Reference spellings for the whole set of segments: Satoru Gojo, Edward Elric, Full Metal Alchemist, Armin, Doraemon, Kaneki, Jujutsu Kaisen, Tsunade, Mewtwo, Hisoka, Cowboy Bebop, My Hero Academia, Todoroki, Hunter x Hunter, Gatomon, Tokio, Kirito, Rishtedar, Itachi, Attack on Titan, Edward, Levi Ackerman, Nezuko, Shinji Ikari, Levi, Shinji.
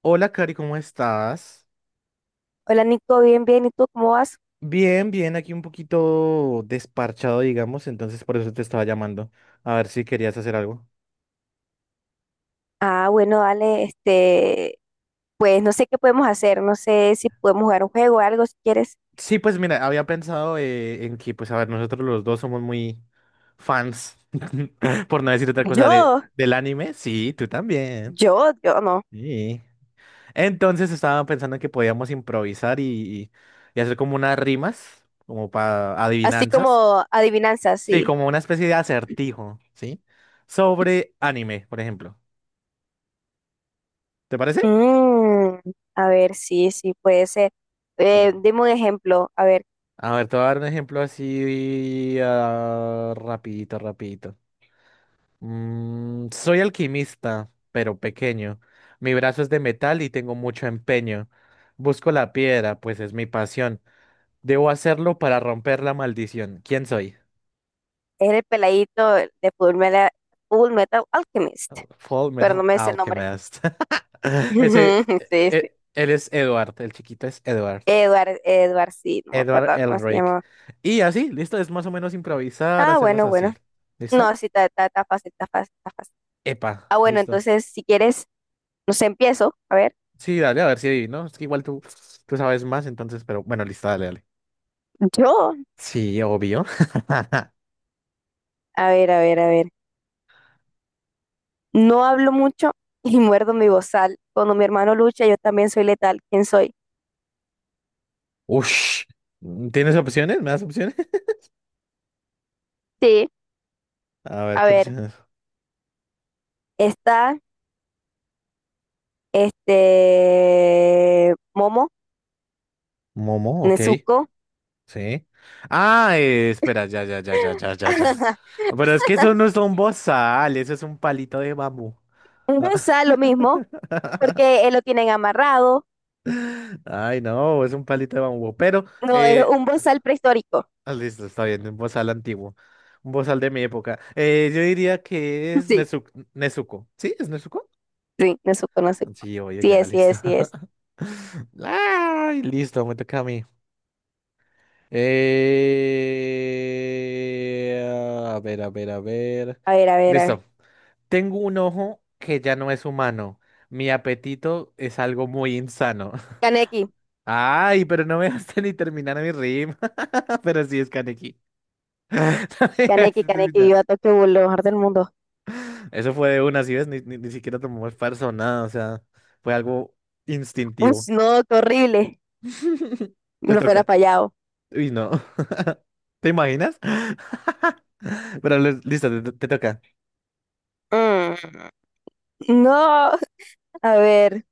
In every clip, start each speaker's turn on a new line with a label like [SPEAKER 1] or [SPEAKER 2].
[SPEAKER 1] Hola, Cari, ¿cómo estás?
[SPEAKER 2] Hola Nico, bien, bien, ¿y tú cómo vas?
[SPEAKER 1] Bien, bien, aquí un poquito desparchado, digamos, entonces por eso te estaba llamando, a ver si querías hacer algo.
[SPEAKER 2] Ah, bueno, dale, pues no sé qué podemos hacer, no sé si podemos jugar un juego o algo si quieres.
[SPEAKER 1] Sí, pues mira, había pensado en que, pues a ver, nosotros los dos somos muy fans, por no decir otra cosa,
[SPEAKER 2] Yo,
[SPEAKER 1] del anime. Sí, tú también.
[SPEAKER 2] yo no.
[SPEAKER 1] Sí. Entonces estaba pensando que podíamos improvisar y hacer como unas rimas, como para
[SPEAKER 2] Así
[SPEAKER 1] adivinanzas.
[SPEAKER 2] como adivinanzas,
[SPEAKER 1] Sí,
[SPEAKER 2] sí.
[SPEAKER 1] como una especie de acertijo, ¿sí? Sobre anime, por ejemplo. ¿Te parece?
[SPEAKER 2] Mm, a ver, sí, sí, puede ser.
[SPEAKER 1] Li-
[SPEAKER 2] Dime un ejemplo, a ver,
[SPEAKER 1] A ver, te voy a dar un ejemplo así rapidito, rapidito. Soy alquimista, pero pequeño. Mi brazo es de metal y tengo mucho empeño. Busco la piedra, pues es mi pasión. Debo hacerlo para romper la maldición. ¿Quién soy?
[SPEAKER 2] es el peladito de Full Metal, Full Metal Alchemist,
[SPEAKER 1] Full
[SPEAKER 2] pero no
[SPEAKER 1] Metal
[SPEAKER 2] me sé el nombre.
[SPEAKER 1] Alchemist. Ese,
[SPEAKER 2] Sí, sí.
[SPEAKER 1] él es Edward, el chiquito es Edward.
[SPEAKER 2] Edward, Edward, sí, no me
[SPEAKER 1] Edward
[SPEAKER 2] acuerdo cómo se
[SPEAKER 1] Elric.
[SPEAKER 2] llamaba.
[SPEAKER 1] Y así, listo, es más o menos improvisar,
[SPEAKER 2] Ah,
[SPEAKER 1] hacerlas
[SPEAKER 2] bueno,
[SPEAKER 1] así.
[SPEAKER 2] bueno.
[SPEAKER 1] ¿Listo?
[SPEAKER 2] No, sí, está fácil, está fácil, está fácil.
[SPEAKER 1] Epa,
[SPEAKER 2] Ah, bueno,
[SPEAKER 1] listo.
[SPEAKER 2] entonces si quieres, no sé, empiezo. A ver,
[SPEAKER 1] Sí, dale, a ver si ahí, ¿no? Es que igual tú sabes más, entonces, pero bueno, listo, dale, dale.
[SPEAKER 2] yo,
[SPEAKER 1] Sí, obvio.
[SPEAKER 2] a ver, a ver, a ver. No hablo mucho y muerdo mi bozal. Cuando mi hermano lucha, yo también soy letal. ¿Quién soy?
[SPEAKER 1] Ush. ¿Tienes opciones? ¿Me das opciones?
[SPEAKER 2] Sí.
[SPEAKER 1] A ver,
[SPEAKER 2] A
[SPEAKER 1] ¿qué
[SPEAKER 2] ver,
[SPEAKER 1] opciones?
[SPEAKER 2] está este Momo,
[SPEAKER 1] Momo, ok.
[SPEAKER 2] Nezuko.
[SPEAKER 1] Sí. Ah, espera, ya, ya, ya, ya, ya, ya, ya. Pero es que eso no es un bozal, eso es un palito de bambú.
[SPEAKER 2] Un
[SPEAKER 1] Ah.
[SPEAKER 2] bozal, lo mismo, porque él lo tienen amarrado.
[SPEAKER 1] Ay, no, es un palito de bambú. Pero,
[SPEAKER 2] No, es un bozal prehistórico.
[SPEAKER 1] Ah, listo, está bien, un bozal antiguo. Un bozal de mi época. Yo diría que es
[SPEAKER 2] Sí,
[SPEAKER 1] Nezuko. ¿Sí? ¿Es Nezuko?
[SPEAKER 2] sí, Nezuko, no sé.
[SPEAKER 1] Sí, oye,
[SPEAKER 2] Sí
[SPEAKER 1] ya,
[SPEAKER 2] es, sí
[SPEAKER 1] listo.
[SPEAKER 2] es, sí es.
[SPEAKER 1] Ay, listo, me toca a mí. Eh, a ver, a ver, a ver.
[SPEAKER 2] A ver, a ver, a ver.
[SPEAKER 1] Listo. Tengo un ojo que ya no es humano. Mi apetito es algo muy insano.
[SPEAKER 2] Kaneki,
[SPEAKER 1] Ay, pero no me dejaste ni terminar mi rima, pero sí es Kaneki. No me
[SPEAKER 2] Kaneki,
[SPEAKER 1] dejaste
[SPEAKER 2] Kaneki,
[SPEAKER 1] terminar.
[SPEAKER 2] viva Tokio, lo mejor del mundo.
[SPEAKER 1] Eso fue de una, si ves, ni siquiera tomó esfuerzo, o nada, o sea, fue algo
[SPEAKER 2] Uy,
[SPEAKER 1] instintivo.
[SPEAKER 2] no, qué horrible.
[SPEAKER 1] Te
[SPEAKER 2] No fuera
[SPEAKER 1] toca.
[SPEAKER 2] fallado.
[SPEAKER 1] Uy, no. ¿Te imaginas? Pero listo, te toca.
[SPEAKER 2] Mm, no, a ver.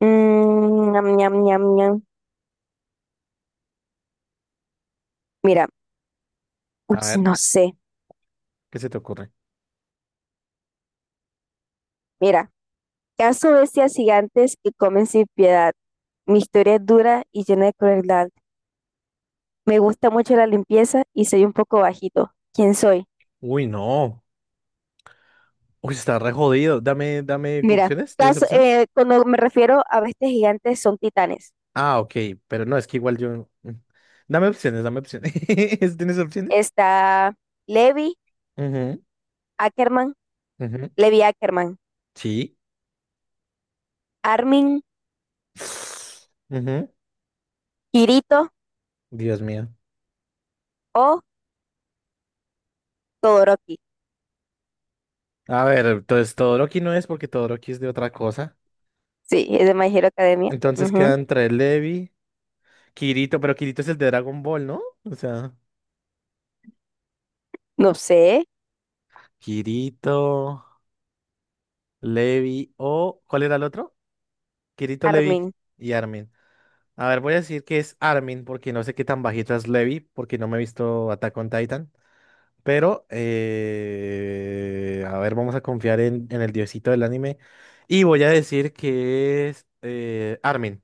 [SPEAKER 2] Ñam, ñam, ñam, ñam. Mira, uy,
[SPEAKER 1] A ver,
[SPEAKER 2] no sé.
[SPEAKER 1] ¿qué se te ocurre?
[SPEAKER 2] Mira, caso bestias gigantes que comen sin piedad. Mi historia es dura y llena de crueldad. Me gusta mucho la limpieza y soy un poco bajito. ¿Quién soy?
[SPEAKER 1] Uy, no. Uy, está re jodido. Dame
[SPEAKER 2] Mira,
[SPEAKER 1] opciones. ¿Tienes opciones?
[SPEAKER 2] cuando me refiero a bestias gigantes son titanes.
[SPEAKER 1] Ah, ok, pero no, es que igual yo. Mm. Dame opciones, dame opciones. ¿Tienes opciones?
[SPEAKER 2] Está Levi
[SPEAKER 1] Ujú,
[SPEAKER 2] Ackerman,
[SPEAKER 1] ujú.
[SPEAKER 2] Levi Ackerman,
[SPEAKER 1] Sí.
[SPEAKER 2] Armin,
[SPEAKER 1] Ujú.
[SPEAKER 2] Kirito
[SPEAKER 1] Dios mío.
[SPEAKER 2] o Todoroki.
[SPEAKER 1] A ver, entonces Todoroki no es porque Todoroki es de otra cosa.
[SPEAKER 2] Sí, es de My Hero Academia.
[SPEAKER 1] Entonces
[SPEAKER 2] Ujú.
[SPEAKER 1] quedan entre Levi, Kirito, pero Kirito es el de Dragon Ball, ¿no? O sea,
[SPEAKER 2] No sé,
[SPEAKER 1] Kirito, Levi o... ¿Cuál era el otro? Kirito, Levi
[SPEAKER 2] Armin.
[SPEAKER 1] y Armin. A ver, voy a decir que es Armin porque no sé qué tan bajito es Levi porque no me he visto Attack on Titan. Pero, a ver, vamos a confiar en el diosito del anime. Y voy a decir que es Armin.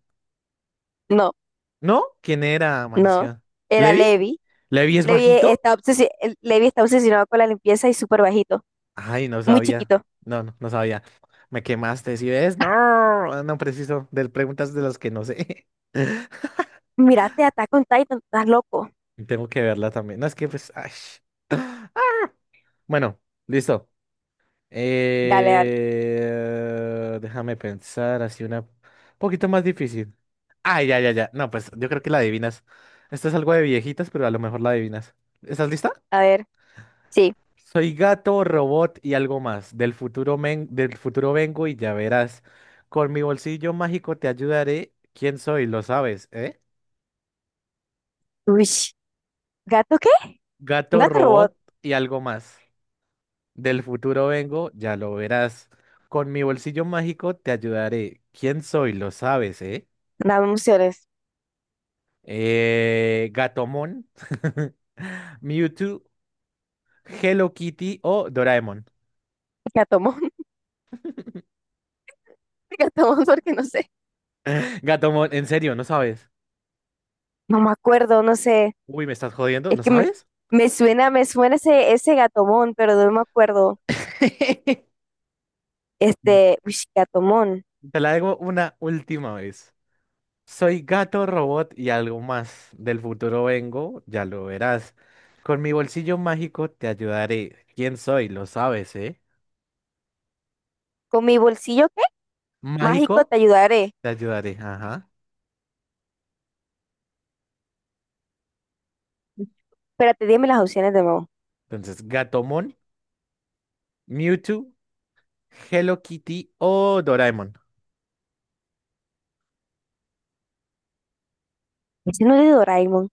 [SPEAKER 2] No,
[SPEAKER 1] ¿No? ¿Quién era?
[SPEAKER 2] no.
[SPEAKER 1] Maldición.
[SPEAKER 2] Era
[SPEAKER 1] ¿Levi?
[SPEAKER 2] Levi.
[SPEAKER 1] ¿Levi es bajito?
[SPEAKER 2] Levi está obsesionado con la limpieza y súper bajito,
[SPEAKER 1] Ay, no
[SPEAKER 2] muy
[SPEAKER 1] sabía.
[SPEAKER 2] chiquito.
[SPEAKER 1] No sabía. Me quemaste, ¿sí ves? No, ah, no preciso. De preguntas de las que no sé.
[SPEAKER 2] Mírate, Attack on Titan, estás loco.
[SPEAKER 1] Tengo que verla también. No, es que pues. Ay. Bueno, listo.
[SPEAKER 2] Dale, dale.
[SPEAKER 1] Déjame pensar así una poquito más difícil. Ah, ya, ya, ya. No, pues yo creo que la adivinas. Esto es algo de viejitas, pero a lo mejor la adivinas. ¿Estás lista?
[SPEAKER 2] A ver, sí.
[SPEAKER 1] Soy gato, robot y algo más. Del futuro vengo y ya verás. Con mi bolsillo mágico te ayudaré. ¿Quién soy? Lo sabes, ¿eh?
[SPEAKER 2] Uy, ¿gato qué?
[SPEAKER 1] Gato,
[SPEAKER 2] Gato robot.
[SPEAKER 1] robot y algo más. Del futuro vengo, ya lo verás. Con mi bolsillo mágico te ayudaré. ¿Quién soy? Lo sabes, ¿eh?
[SPEAKER 2] Dame emociones.
[SPEAKER 1] Gatomon, Mewtwo, Hello Kitty o Doraemon.
[SPEAKER 2] Gatomón, gatomón, porque no sé.
[SPEAKER 1] Gatomon, en serio, ¿no sabes?
[SPEAKER 2] No me acuerdo, no sé.
[SPEAKER 1] Uy, ¿me estás jodiendo?
[SPEAKER 2] Es
[SPEAKER 1] ¿No
[SPEAKER 2] que me,
[SPEAKER 1] sabes?
[SPEAKER 2] me suena ese, ese gatomón, pero no me acuerdo. Gatomón.
[SPEAKER 1] Te la hago una última vez. Soy gato, robot y algo más. Del futuro vengo, ya lo verás. Con mi bolsillo mágico te ayudaré. ¿Quién soy? Lo sabes, ¿eh?
[SPEAKER 2] Con mi bolsillo mágico,
[SPEAKER 1] Mágico,
[SPEAKER 2] te ayudaré.
[SPEAKER 1] te ayudaré. Ajá.
[SPEAKER 2] Espérate, dime las opciones de nuevo.
[SPEAKER 1] Entonces, Gatomon, Mewtwo, Hello Kitty o Doraemon.
[SPEAKER 2] Ese no es de Doraemon.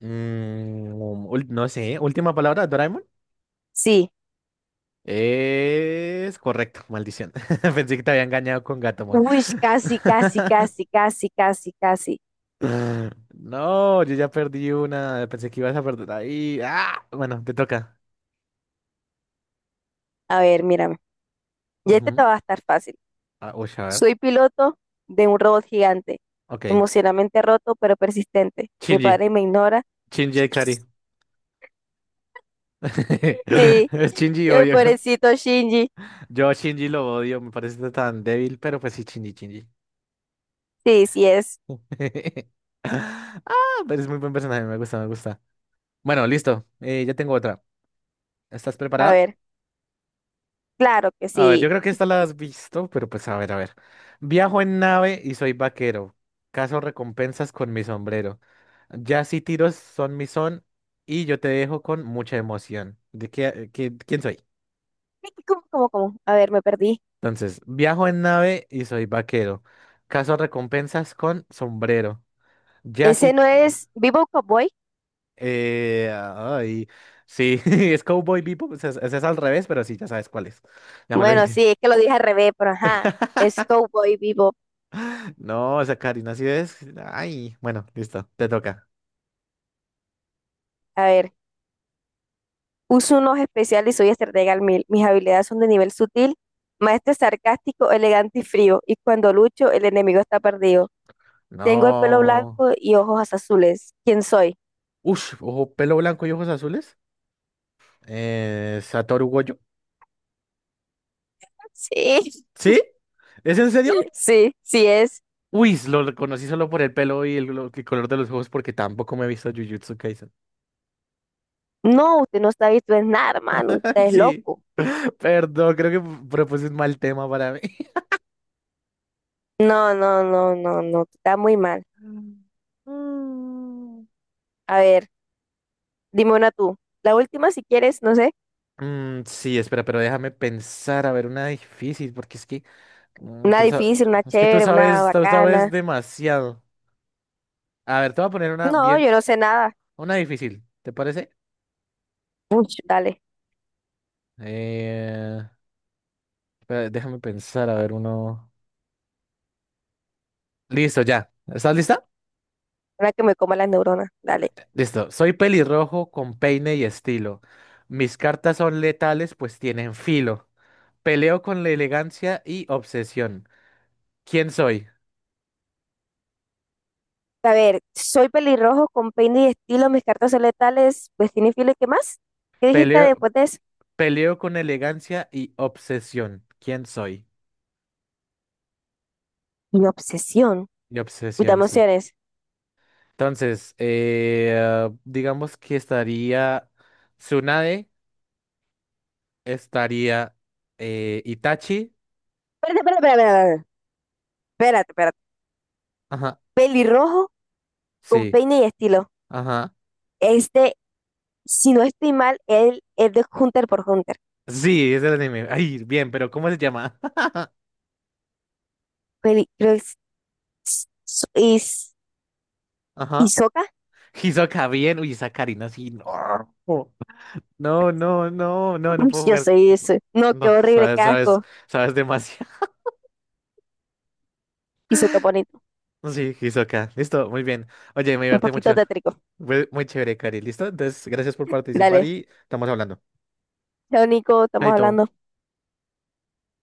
[SPEAKER 1] Mm, no sé, última palabra, Doraemon.
[SPEAKER 2] Sí.
[SPEAKER 1] Es correcto, maldición. Pensé que te había engañado con Gatomon.
[SPEAKER 2] Uy, casi, casi, casi, casi, casi, casi.
[SPEAKER 1] No, yo ya perdí una. Pensé que ibas a perder ahí. ¡Ah! Bueno, te toca.
[SPEAKER 2] A ver, mírame. Ya este te
[SPEAKER 1] Ujú.
[SPEAKER 2] va a estar fácil.
[SPEAKER 1] Ah, uy, a ver.
[SPEAKER 2] Soy piloto de un robot gigante,
[SPEAKER 1] Ok.
[SPEAKER 2] emocionalmente roto pero persistente. Mi
[SPEAKER 1] Shinji.
[SPEAKER 2] padre me ignora.
[SPEAKER 1] Shinji Ikari.
[SPEAKER 2] Sí,
[SPEAKER 1] Es Shinji
[SPEAKER 2] el
[SPEAKER 1] odio.
[SPEAKER 2] pobrecito Shinji.
[SPEAKER 1] Yo a Shinji lo odio. Me parece tan débil, pero pues sí, Shinji, Shinji.
[SPEAKER 2] Sí, sí es.
[SPEAKER 1] Ah, pero es muy buen personaje. Me gusta, me gusta. Bueno, listo. Ya tengo otra. ¿Estás
[SPEAKER 2] A
[SPEAKER 1] preparada?
[SPEAKER 2] ver, claro que
[SPEAKER 1] A ver,
[SPEAKER 2] sí.
[SPEAKER 1] yo creo que esta la has visto, pero pues a ver, a ver. Viajo en nave y soy vaquero. Caso recompensas con mi sombrero. Ya si tiros son mi son y yo te dejo con mucha emoción. ¿De qué, quién soy?
[SPEAKER 2] ¿Cómo, cómo, cómo? A ver, me perdí.
[SPEAKER 1] Entonces, viajo en nave y soy vaquero. Caso recompensas con sombrero. Ya
[SPEAKER 2] ¿Ese
[SPEAKER 1] si...
[SPEAKER 2] no es Vivo Cowboy?
[SPEAKER 1] Eh, ay, sí, es Cowboy Bebop, o sea, es al revés, pero sí, ya sabes cuál es. Ya me lo
[SPEAKER 2] Bueno,
[SPEAKER 1] dije.
[SPEAKER 2] sí, es que lo dije al revés, pero ajá. Es Cowboy Vivo.
[SPEAKER 1] No, esa Karina, si es. Ay, bueno, listo, te toca.
[SPEAKER 2] A ver, uso unos especiales y soy estratega al mil. Mis habilidades son de nivel sutil, maestro sarcástico, elegante y frío. Y cuando lucho, el enemigo está perdido. Tengo el pelo
[SPEAKER 1] No.
[SPEAKER 2] blanco y ojos azules. ¿Quién soy?
[SPEAKER 1] Ush, ojo, pelo blanco y ojos azules. Satoru Gojo.
[SPEAKER 2] Sí,
[SPEAKER 1] ¿Sí? ¿Es en serio?
[SPEAKER 2] sí, sí es.
[SPEAKER 1] Uy, lo reconocí solo por el pelo y el color de los ojos porque tampoco me he visto Jujutsu Kaisen.
[SPEAKER 2] No, usted no está visto en nada, hermano. Usted es
[SPEAKER 1] Sí,
[SPEAKER 2] loco.
[SPEAKER 1] perdón, creo que propuse un mal tema para mí.
[SPEAKER 2] No, no, no, no, no. Está muy mal.
[SPEAKER 1] Mm.
[SPEAKER 2] A ver, dime una tú. La última, si quieres, no sé.
[SPEAKER 1] Sí, espera, pero déjame pensar, a ver, una difícil, porque es que mm,
[SPEAKER 2] Una
[SPEAKER 1] tú, sa-
[SPEAKER 2] difícil, una
[SPEAKER 1] es que
[SPEAKER 2] chévere, una
[SPEAKER 1] tú sabes
[SPEAKER 2] bacana.
[SPEAKER 1] demasiado. A ver, te voy a poner una
[SPEAKER 2] No,
[SPEAKER 1] bien,
[SPEAKER 2] yo no sé nada.
[SPEAKER 1] una difícil, ¿te parece?
[SPEAKER 2] Uy, dale.
[SPEAKER 1] Eh, espera, déjame pensar, a ver, uno. Listo, ya. ¿Estás lista?
[SPEAKER 2] Una que me coma las neuronas. Dale.
[SPEAKER 1] Listo. Soy pelirrojo con peine y estilo. Mis cartas son letales, pues tienen filo. Peleo con la elegancia y obsesión. ¿Quién soy?
[SPEAKER 2] A ver, soy pelirrojo con peine y estilo, mis cartas son letales, destino infiel, ¿y qué más? ¿Qué dijiste
[SPEAKER 1] Peleo,
[SPEAKER 2] después de eso?
[SPEAKER 1] peleo con elegancia y obsesión. ¿Quién soy?
[SPEAKER 2] Mi obsesión.
[SPEAKER 1] Y
[SPEAKER 2] Uy,
[SPEAKER 1] obsesión,
[SPEAKER 2] dame
[SPEAKER 1] sí.
[SPEAKER 2] opciones.
[SPEAKER 1] Entonces, digamos que estaría Tsunade. Estaría Itachi.
[SPEAKER 2] Espérate, espérate, espérate, espérate, espérate, espérate.
[SPEAKER 1] Ajá,
[SPEAKER 2] Pelirrojo con
[SPEAKER 1] sí,
[SPEAKER 2] peine y estilo.
[SPEAKER 1] ajá.
[SPEAKER 2] Este, si no estoy mal, él es de Hunter por Hunter.
[SPEAKER 1] Sí, es el anime. Ay, bien, pero ¿cómo se llama?
[SPEAKER 2] Peli, creo que es- so- is-
[SPEAKER 1] Ajá.
[SPEAKER 2] ¿Hisoka?
[SPEAKER 1] Hisoka, bien. Uy, esa Karina, sí. No, no
[SPEAKER 2] Uy,
[SPEAKER 1] puedo
[SPEAKER 2] yo
[SPEAKER 1] jugar.
[SPEAKER 2] soy ese. No, qué
[SPEAKER 1] No,
[SPEAKER 2] horrible, qué
[SPEAKER 1] sabes,
[SPEAKER 2] asco.
[SPEAKER 1] sabes demasiado.
[SPEAKER 2] Hisoka bonito.
[SPEAKER 1] Sí, Hisoka. Listo, muy bien. Oye, me
[SPEAKER 2] Un
[SPEAKER 1] divertí
[SPEAKER 2] poquito
[SPEAKER 1] mucho.
[SPEAKER 2] tétrico.
[SPEAKER 1] Fue muy chévere, Cari. ¿Listo? Entonces, gracias por participar
[SPEAKER 2] Dale.
[SPEAKER 1] y estamos hablando.
[SPEAKER 2] Chao, Nico, estamos
[SPEAKER 1] Chaito.
[SPEAKER 2] hablando.